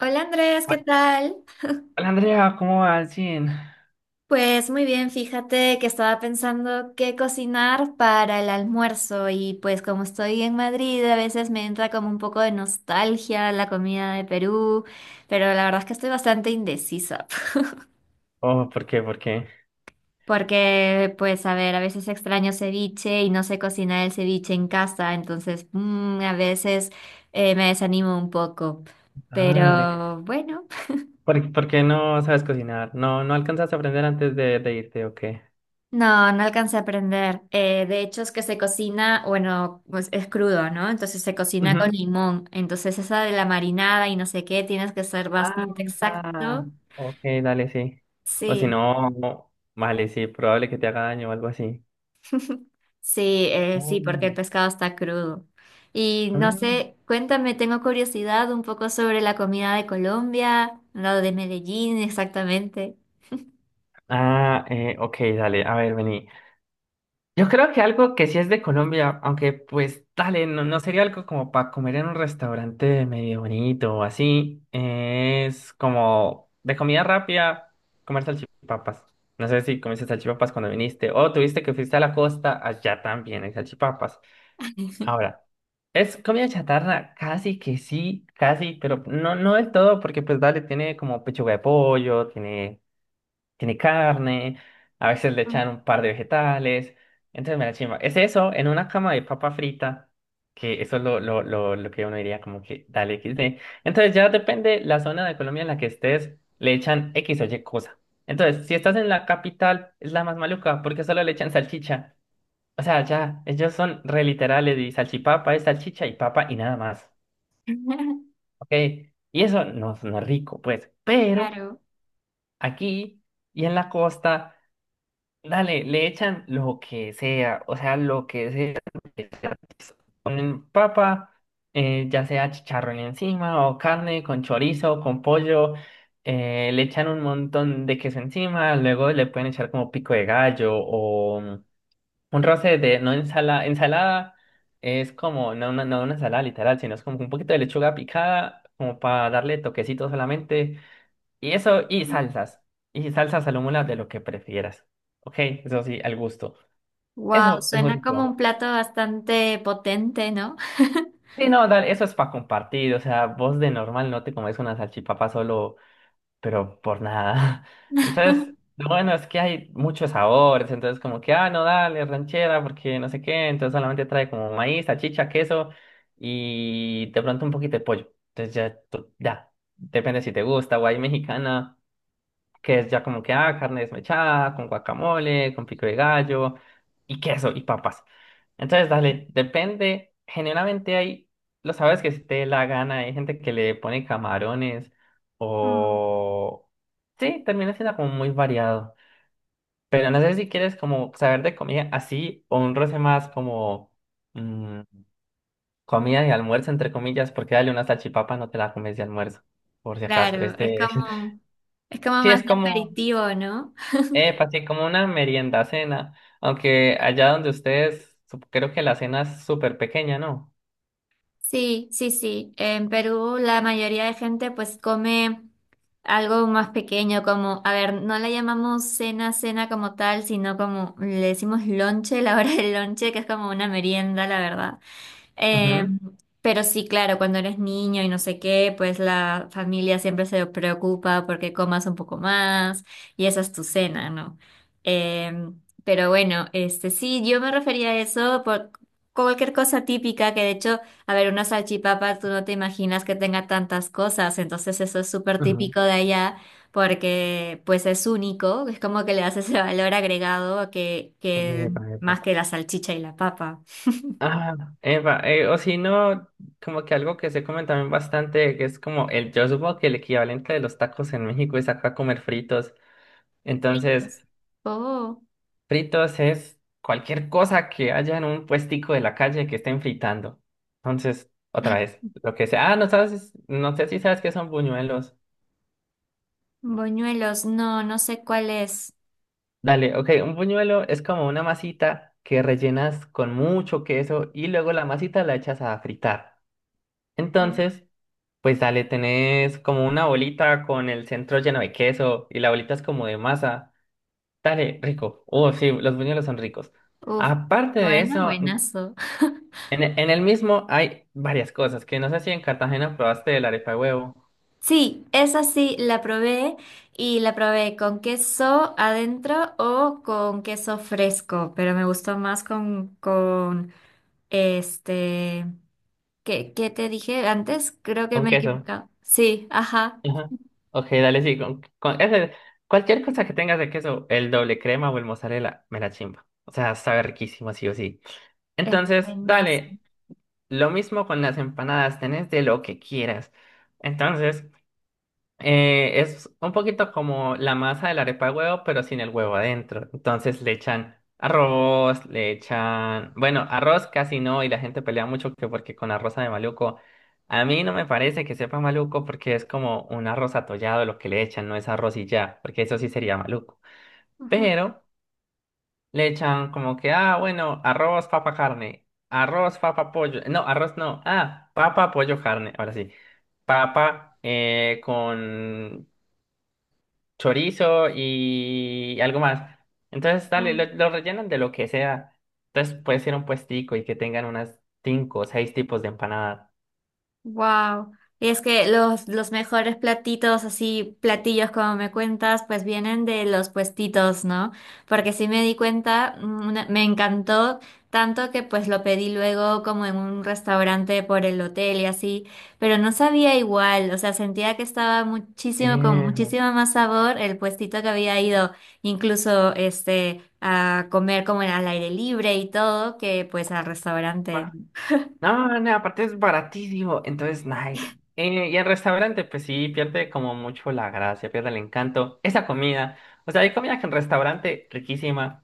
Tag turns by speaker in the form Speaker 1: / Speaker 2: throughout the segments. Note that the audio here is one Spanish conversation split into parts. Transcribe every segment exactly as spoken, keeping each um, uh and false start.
Speaker 1: Hola Andrés, ¿qué
Speaker 2: Hola
Speaker 1: tal?
Speaker 2: Andrea, ¿cómo va al fin?
Speaker 1: Pues muy bien, fíjate que estaba pensando qué cocinar para el almuerzo y pues como estoy en Madrid a veces me entra como un poco de nostalgia la comida de Perú, pero la verdad es que estoy bastante indecisa.
Speaker 2: Oh, ¿por qué? ¿Por qué?
Speaker 1: Porque pues a ver, a veces extraño ceviche y no sé cocinar el ceviche en casa, entonces mm, a veces eh, me desanimo un poco,
Speaker 2: Dale.
Speaker 1: pero bueno.
Speaker 2: ¿Por, por qué no sabes cocinar? ¿No, no alcanzaste a aprender antes de, de irte o qué?
Speaker 1: No, no alcancé a aprender. Eh, de hecho, es que se cocina, bueno, pues es crudo, ¿no? Entonces se cocina con
Speaker 2: Ujú.
Speaker 1: limón. Entonces esa de la marinada y no sé qué, tienes que ser bastante
Speaker 2: Ah,
Speaker 1: exacto.
Speaker 2: ok, dale, sí. O si
Speaker 1: Sí,
Speaker 2: no, vale, sí, probable que te haga daño o algo así.
Speaker 1: sí, eh, sí, porque el
Speaker 2: Mm.
Speaker 1: pescado está crudo. Y no
Speaker 2: Mm.
Speaker 1: sé, cuéntame, tengo curiosidad un poco sobre la comida de Colombia, lo de Medellín exactamente.
Speaker 2: Ah, eh, ok, dale, a ver, vení. Yo creo que algo que sí es de Colombia, aunque pues dale, no, no sería algo como para comer en un restaurante medio bonito o así, es como de comida rápida, comer salchipapas. No sé si comiste salchipapas cuando viniste o tuviste que fuiste a la costa, allá también hay salchipapas. Ahora, es comida chatarra, casi que sí, casi, pero no, no del todo, porque pues dale, tiene como pechuga de pollo, tiene tiene carne, a veces le echan un par de vegetales. Entonces me la chimba. Es eso, en una cama de papa frita, que eso es lo, lo, lo, lo que uno diría como que dale equis de. Entonces ya depende la zona de Colombia en la que estés, le echan X o Y cosa. Entonces, si estás en la capital, es la más maluca, porque solo le echan salchicha. O sea, ya, ellos son re literales y salchipapa es salchicha y papa y nada más. ¿Ok? Y eso no, no es rico, pues. Pero
Speaker 1: Claro.
Speaker 2: aquí y en la costa. Dale, le echan lo que sea, o sea, lo que sea. Le Ponen papa, eh, ya sea chicharrón encima o carne con chorizo, con pollo. Eh, le echan un montón de queso encima, luego le pueden echar como pico de gallo o mm, un roce de, no ensalada, ensalada es como, no, una no una ensalada literal, sino es como un poquito de lechuga picada, como para darle toquecito solamente y eso, y salsas. Y salsas al de lo que prefieras. Ok, eso sí, al gusto.
Speaker 1: Wow,
Speaker 2: Eso es muy
Speaker 1: suena como
Speaker 2: rico.
Speaker 1: un plato bastante potente, ¿no?
Speaker 2: Sí, no, dale, eso es para compartir. O sea, vos de normal no te comes una salchipapa solo, pero por nada. Entonces, lo bueno es que hay muchos sabores. Entonces, como que, ah, no, dale, ranchera, porque no sé qué. Entonces, solamente trae como maíz, salchicha, queso y de pronto un poquito de pollo. Entonces, ya, tú- ya. Depende si te gusta, o hay mexicana. Que es ya como que, ah, carne desmechada, con guacamole, con pico de gallo, y queso, y papas. Entonces, dale, depende, generalmente hay, lo sabes que si te dé la gana, hay gente que le pone camarones,
Speaker 1: Mm.
Speaker 2: o... Sí, termina siendo como muy variado. Pero no sé si quieres como saber de comida así, o un roce más como mm, comida de almuerzo, entre comillas, porque dale una salchipapa, no te la comes de almuerzo, por si acaso.
Speaker 1: Claro, es
Speaker 2: Este,
Speaker 1: como, es como
Speaker 2: sí,
Speaker 1: más
Speaker 2: es
Speaker 1: de
Speaker 2: como...
Speaker 1: aperitivo, ¿no?
Speaker 2: Epa, sí, como una merienda cena, aunque allá donde ustedes, sup- creo que la cena es súper pequeña, ¿no?
Speaker 1: Sí, sí, sí. En Perú la mayoría de gente pues come algo más pequeño, como, a ver, no le llamamos cena, cena como tal, sino como le decimos lonche, la hora del lonche, que es como una merienda, la verdad. Eh,
Speaker 2: Ujú.
Speaker 1: pero sí, claro, cuando eres niño y no sé qué, pues la familia siempre se preocupa porque comas un poco más y esa es tu cena, ¿no? Eh, pero bueno, este sí, yo me refería a eso por cualquier cosa típica que de hecho, a ver, una salchipapa, tú no te imaginas que tenga tantas cosas, entonces eso es súper
Speaker 2: Ujú.
Speaker 1: típico de allá porque pues es único, es como que le das ese valor agregado a que, que
Speaker 2: Epa, epa.
Speaker 1: más que la salchicha y la papa.
Speaker 2: Ah, epa, eh, o si no, como que algo que se come también bastante, que es como el, yo supongo que el equivalente de los tacos en México es acá comer fritos. Entonces,
Speaker 1: Fritos. Oh,
Speaker 2: fritos es cualquier cosa que haya en un puestico de la calle que estén fritando. Entonces, otra vez, lo que sea, ah, no sabes, no sé si sabes que son buñuelos.
Speaker 1: boñuelos, no, no sé cuál es.
Speaker 2: Dale, ok, un buñuelo es como una masita que rellenas con mucho queso y luego la masita la echas a fritar.
Speaker 1: Oh.
Speaker 2: Entonces, pues dale, tenés como una bolita con el centro lleno de queso y la bolita es como de masa. Dale, rico. Oh, sí, los buñuelos son ricos.
Speaker 1: Uf,
Speaker 2: Aparte de
Speaker 1: suena
Speaker 2: eso, en,
Speaker 1: buenazo.
Speaker 2: en el mismo hay varias cosas que no sé si en Cartagena probaste el arepa de huevo
Speaker 1: Sí, esa sí la probé y la probé con queso adentro o con queso fresco, pero me gustó más con, con este, ¿qué, qué te dije antes? Creo que
Speaker 2: con
Speaker 1: me he
Speaker 2: queso.
Speaker 1: equivocado. Sí, ajá,
Speaker 2: Ajá. Ok, dale, sí. Con, con ese, cualquier cosa que tengas de queso, el doble crema o el mozzarella, me la chimba. O sea, sabe riquísimo, sí o sí.
Speaker 1: es
Speaker 2: Entonces,
Speaker 1: buenazo.
Speaker 2: dale, lo mismo con las empanadas, tenés de lo que quieras. Entonces, eh, es un poquito como la masa de la arepa de huevo, pero sin el huevo adentro. Entonces le echan arroz, le echan... Bueno, arroz casi no, y la gente pelea mucho que porque con arroz de maluco. A mí no me parece que sepa maluco porque es como un arroz atollado lo que le echan, no es arroz y ya, porque eso sí sería maluco. Pero le echan como que, ah, bueno, arroz, papa, carne, arroz, papa, pollo. No, arroz no, ah, papa, pollo, carne, ahora sí papa eh, con chorizo y algo más. Entonces, dale,
Speaker 1: Ujú.
Speaker 2: lo, lo rellenan de lo que sea. Entonces, puede ser un puestico y que tengan unas cinco o seis tipos de empanadas.
Speaker 1: Wow. Y es que los, los mejores platitos, así platillos como me cuentas, pues vienen de los puestitos, ¿no? Porque sí me di cuenta, mm, una- me encantó tanto que pues lo pedí luego como en un restaurante por el hotel y así, pero no sabía igual, o sea, sentía que estaba muchísimo, con
Speaker 2: Eh,
Speaker 1: muchísimo más sabor el puestito que había ido, incluso este, a comer como al aire libre y todo, que pues al restaurante.
Speaker 2: ah, no, no, aparte es baratísimo, entonces, nice. Eh, y el restaurante, pues sí, pierde como mucho la gracia, pierde el encanto. Esa comida, o sea, hay comida que en restaurante riquísima.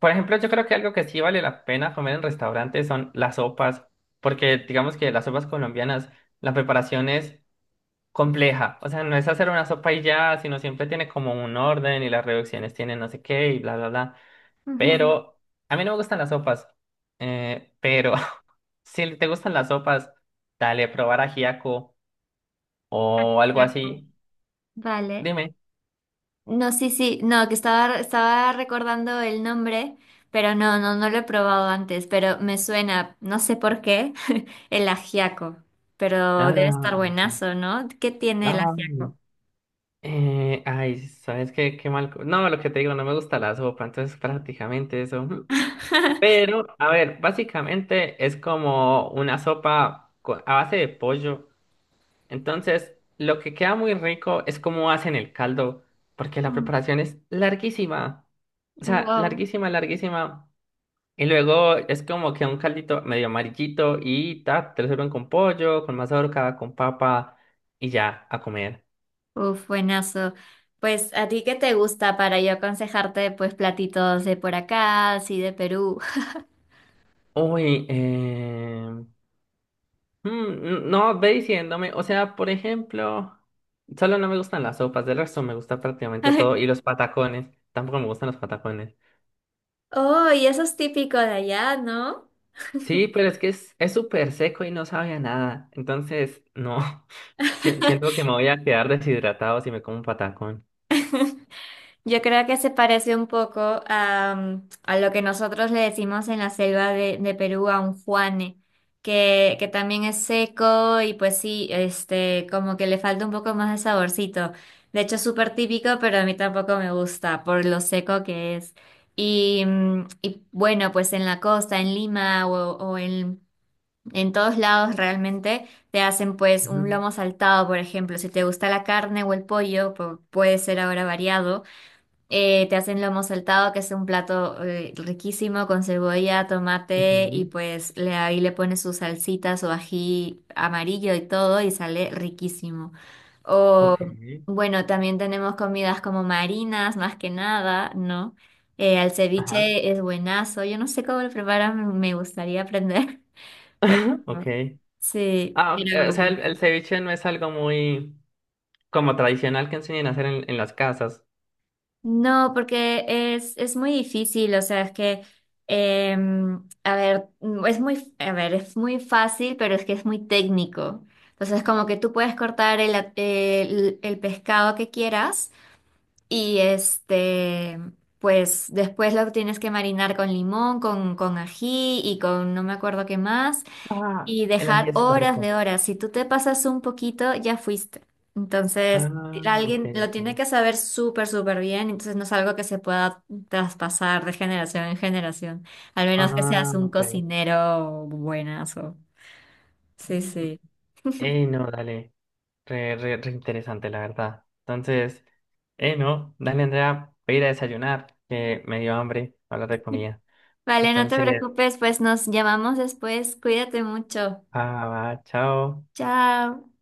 Speaker 2: Por ejemplo, yo creo que algo que sí vale la pena comer en restaurante son las sopas, porque digamos que las sopas colombianas, la preparación es compleja. O sea, no es hacer una sopa y ya, sino siempre tiene como un orden y las reducciones tienen no sé qué y bla, bla, bla.
Speaker 1: Ujú.
Speaker 2: Pero a mí no me gustan las sopas. Eh, pero si te gustan las sopas, dale, probar ajiaco o algo así.
Speaker 1: Vale.
Speaker 2: Dime.
Speaker 1: No, sí, sí, no, que estaba, estaba recordando el nombre, pero no, no, no lo he probado antes, pero me suena, no sé por qué, el ajiaco, pero
Speaker 2: No,
Speaker 1: debe
Speaker 2: no,
Speaker 1: estar
Speaker 2: listo.
Speaker 1: buenazo, ¿no? ¿Qué tiene el
Speaker 2: No. No.
Speaker 1: ajiaco?
Speaker 2: Eh, ay, ¿sabes qué? Qué mal. co- No, lo que te digo, no me gusta la sopa, entonces prácticamente eso. Mm. Pero, a ver, básicamente es como una sopa co- a base de pollo. Entonces, lo que queda muy rico es cómo hacen el caldo, porque la
Speaker 1: Mm,
Speaker 2: preparación es larguísima. O sea,
Speaker 1: wow,
Speaker 2: larguísima, larguísima. Y luego es como que un caldito medio amarillito y ta, te lo sirven con pollo, con mazorca, con papa y ya, a comer.
Speaker 1: uf, buenazo. Pues, ¿a ti qué te gusta para yo aconsejarte, pues, platitos de por acá, así de Perú?
Speaker 2: Uy, eh... mm, no, ve diciéndome. O sea, por ejemplo, solo no me gustan las sopas, del resto me gusta prácticamente todo. Y los patacones, tampoco me gustan los patacones.
Speaker 1: Oh, y eso es típico de allá, ¿no?
Speaker 2: Sí, pero es que es es súper seco y no sabe a nada. Entonces, no, Si- siento que me voy a quedar deshidratado si me como un patacón.
Speaker 1: Yo creo que se parece un poco a, a lo que nosotros le decimos en la selva de, de Perú a un juane, que, que también es seco y pues sí, este, como que le falta un poco más de saborcito. De hecho, es súper típico, pero a mí tampoco me gusta por lo seco que es. Y, mm, y bueno, pues en la costa, en Lima o, o en, en todos lados realmente te hacen pues un
Speaker 2: Ujú,
Speaker 1: lomo saltado, por ejemplo. Si te gusta la carne o el pollo, pu- puede ser ahora variado. Eh, te hacen lomo saltado, que es un plato eh, riquísimo con cebolla, tomate y
Speaker 2: ujú,
Speaker 1: pues le, ahí le pones su salsita, su ají amarillo y todo y sale riquísimo. O
Speaker 2: ok.
Speaker 1: bueno, también tenemos comidas como marinas, más que nada, ¿no? Eh, el
Speaker 2: Ajá.
Speaker 1: ceviche es buenazo. Yo no sé cómo lo preparan, me gustaría aprender, pero
Speaker 2: Ok.
Speaker 1: sí,
Speaker 2: Ah, ok,
Speaker 1: pero
Speaker 2: eh, o sea,
Speaker 1: bueno.
Speaker 2: el, el ceviche no es algo muy como tradicional que enseñan a hacer en, en las casas.
Speaker 1: No, porque es, es muy difícil, o sea, es que, em, a ver, mm, es muy, a ver, es muy fácil, pero es que es muy técnico. Entonces, como que tú puedes cortar el, a- el, el pescado que quieras y este, pues después lo tienes que marinar con limón, con, con ají y con no me acuerdo qué más.
Speaker 2: Ah,
Speaker 1: Y
Speaker 2: el ají
Speaker 1: dejar
Speaker 2: es súper
Speaker 1: horas
Speaker 2: rico.
Speaker 1: de horas. Si tú te pasas un poquito, ya fuiste. Entonces,
Speaker 2: Ah, ok,
Speaker 1: alguien lo
Speaker 2: ok.
Speaker 1: tiene que saber súper, súper bien. Entonces, no es algo que se pueda traspasar de generación en generación. Al menos que
Speaker 2: Ah,
Speaker 1: seas un
Speaker 2: ok.
Speaker 1: cocinero buenazo. Sí,
Speaker 2: Mm.
Speaker 1: sí.
Speaker 2: Ey, no, dale. Re, re, re interesante, la verdad. Entonces, eh, no, dale, Andrea, voy a ir a desayunar, que me dio hambre hablar de comida.
Speaker 1: Vale, no te
Speaker 2: Entonces,
Speaker 1: preocupes, pues nos llamamos después. Cuídate mucho.
Speaker 2: ah, va, chao.
Speaker 1: Chao.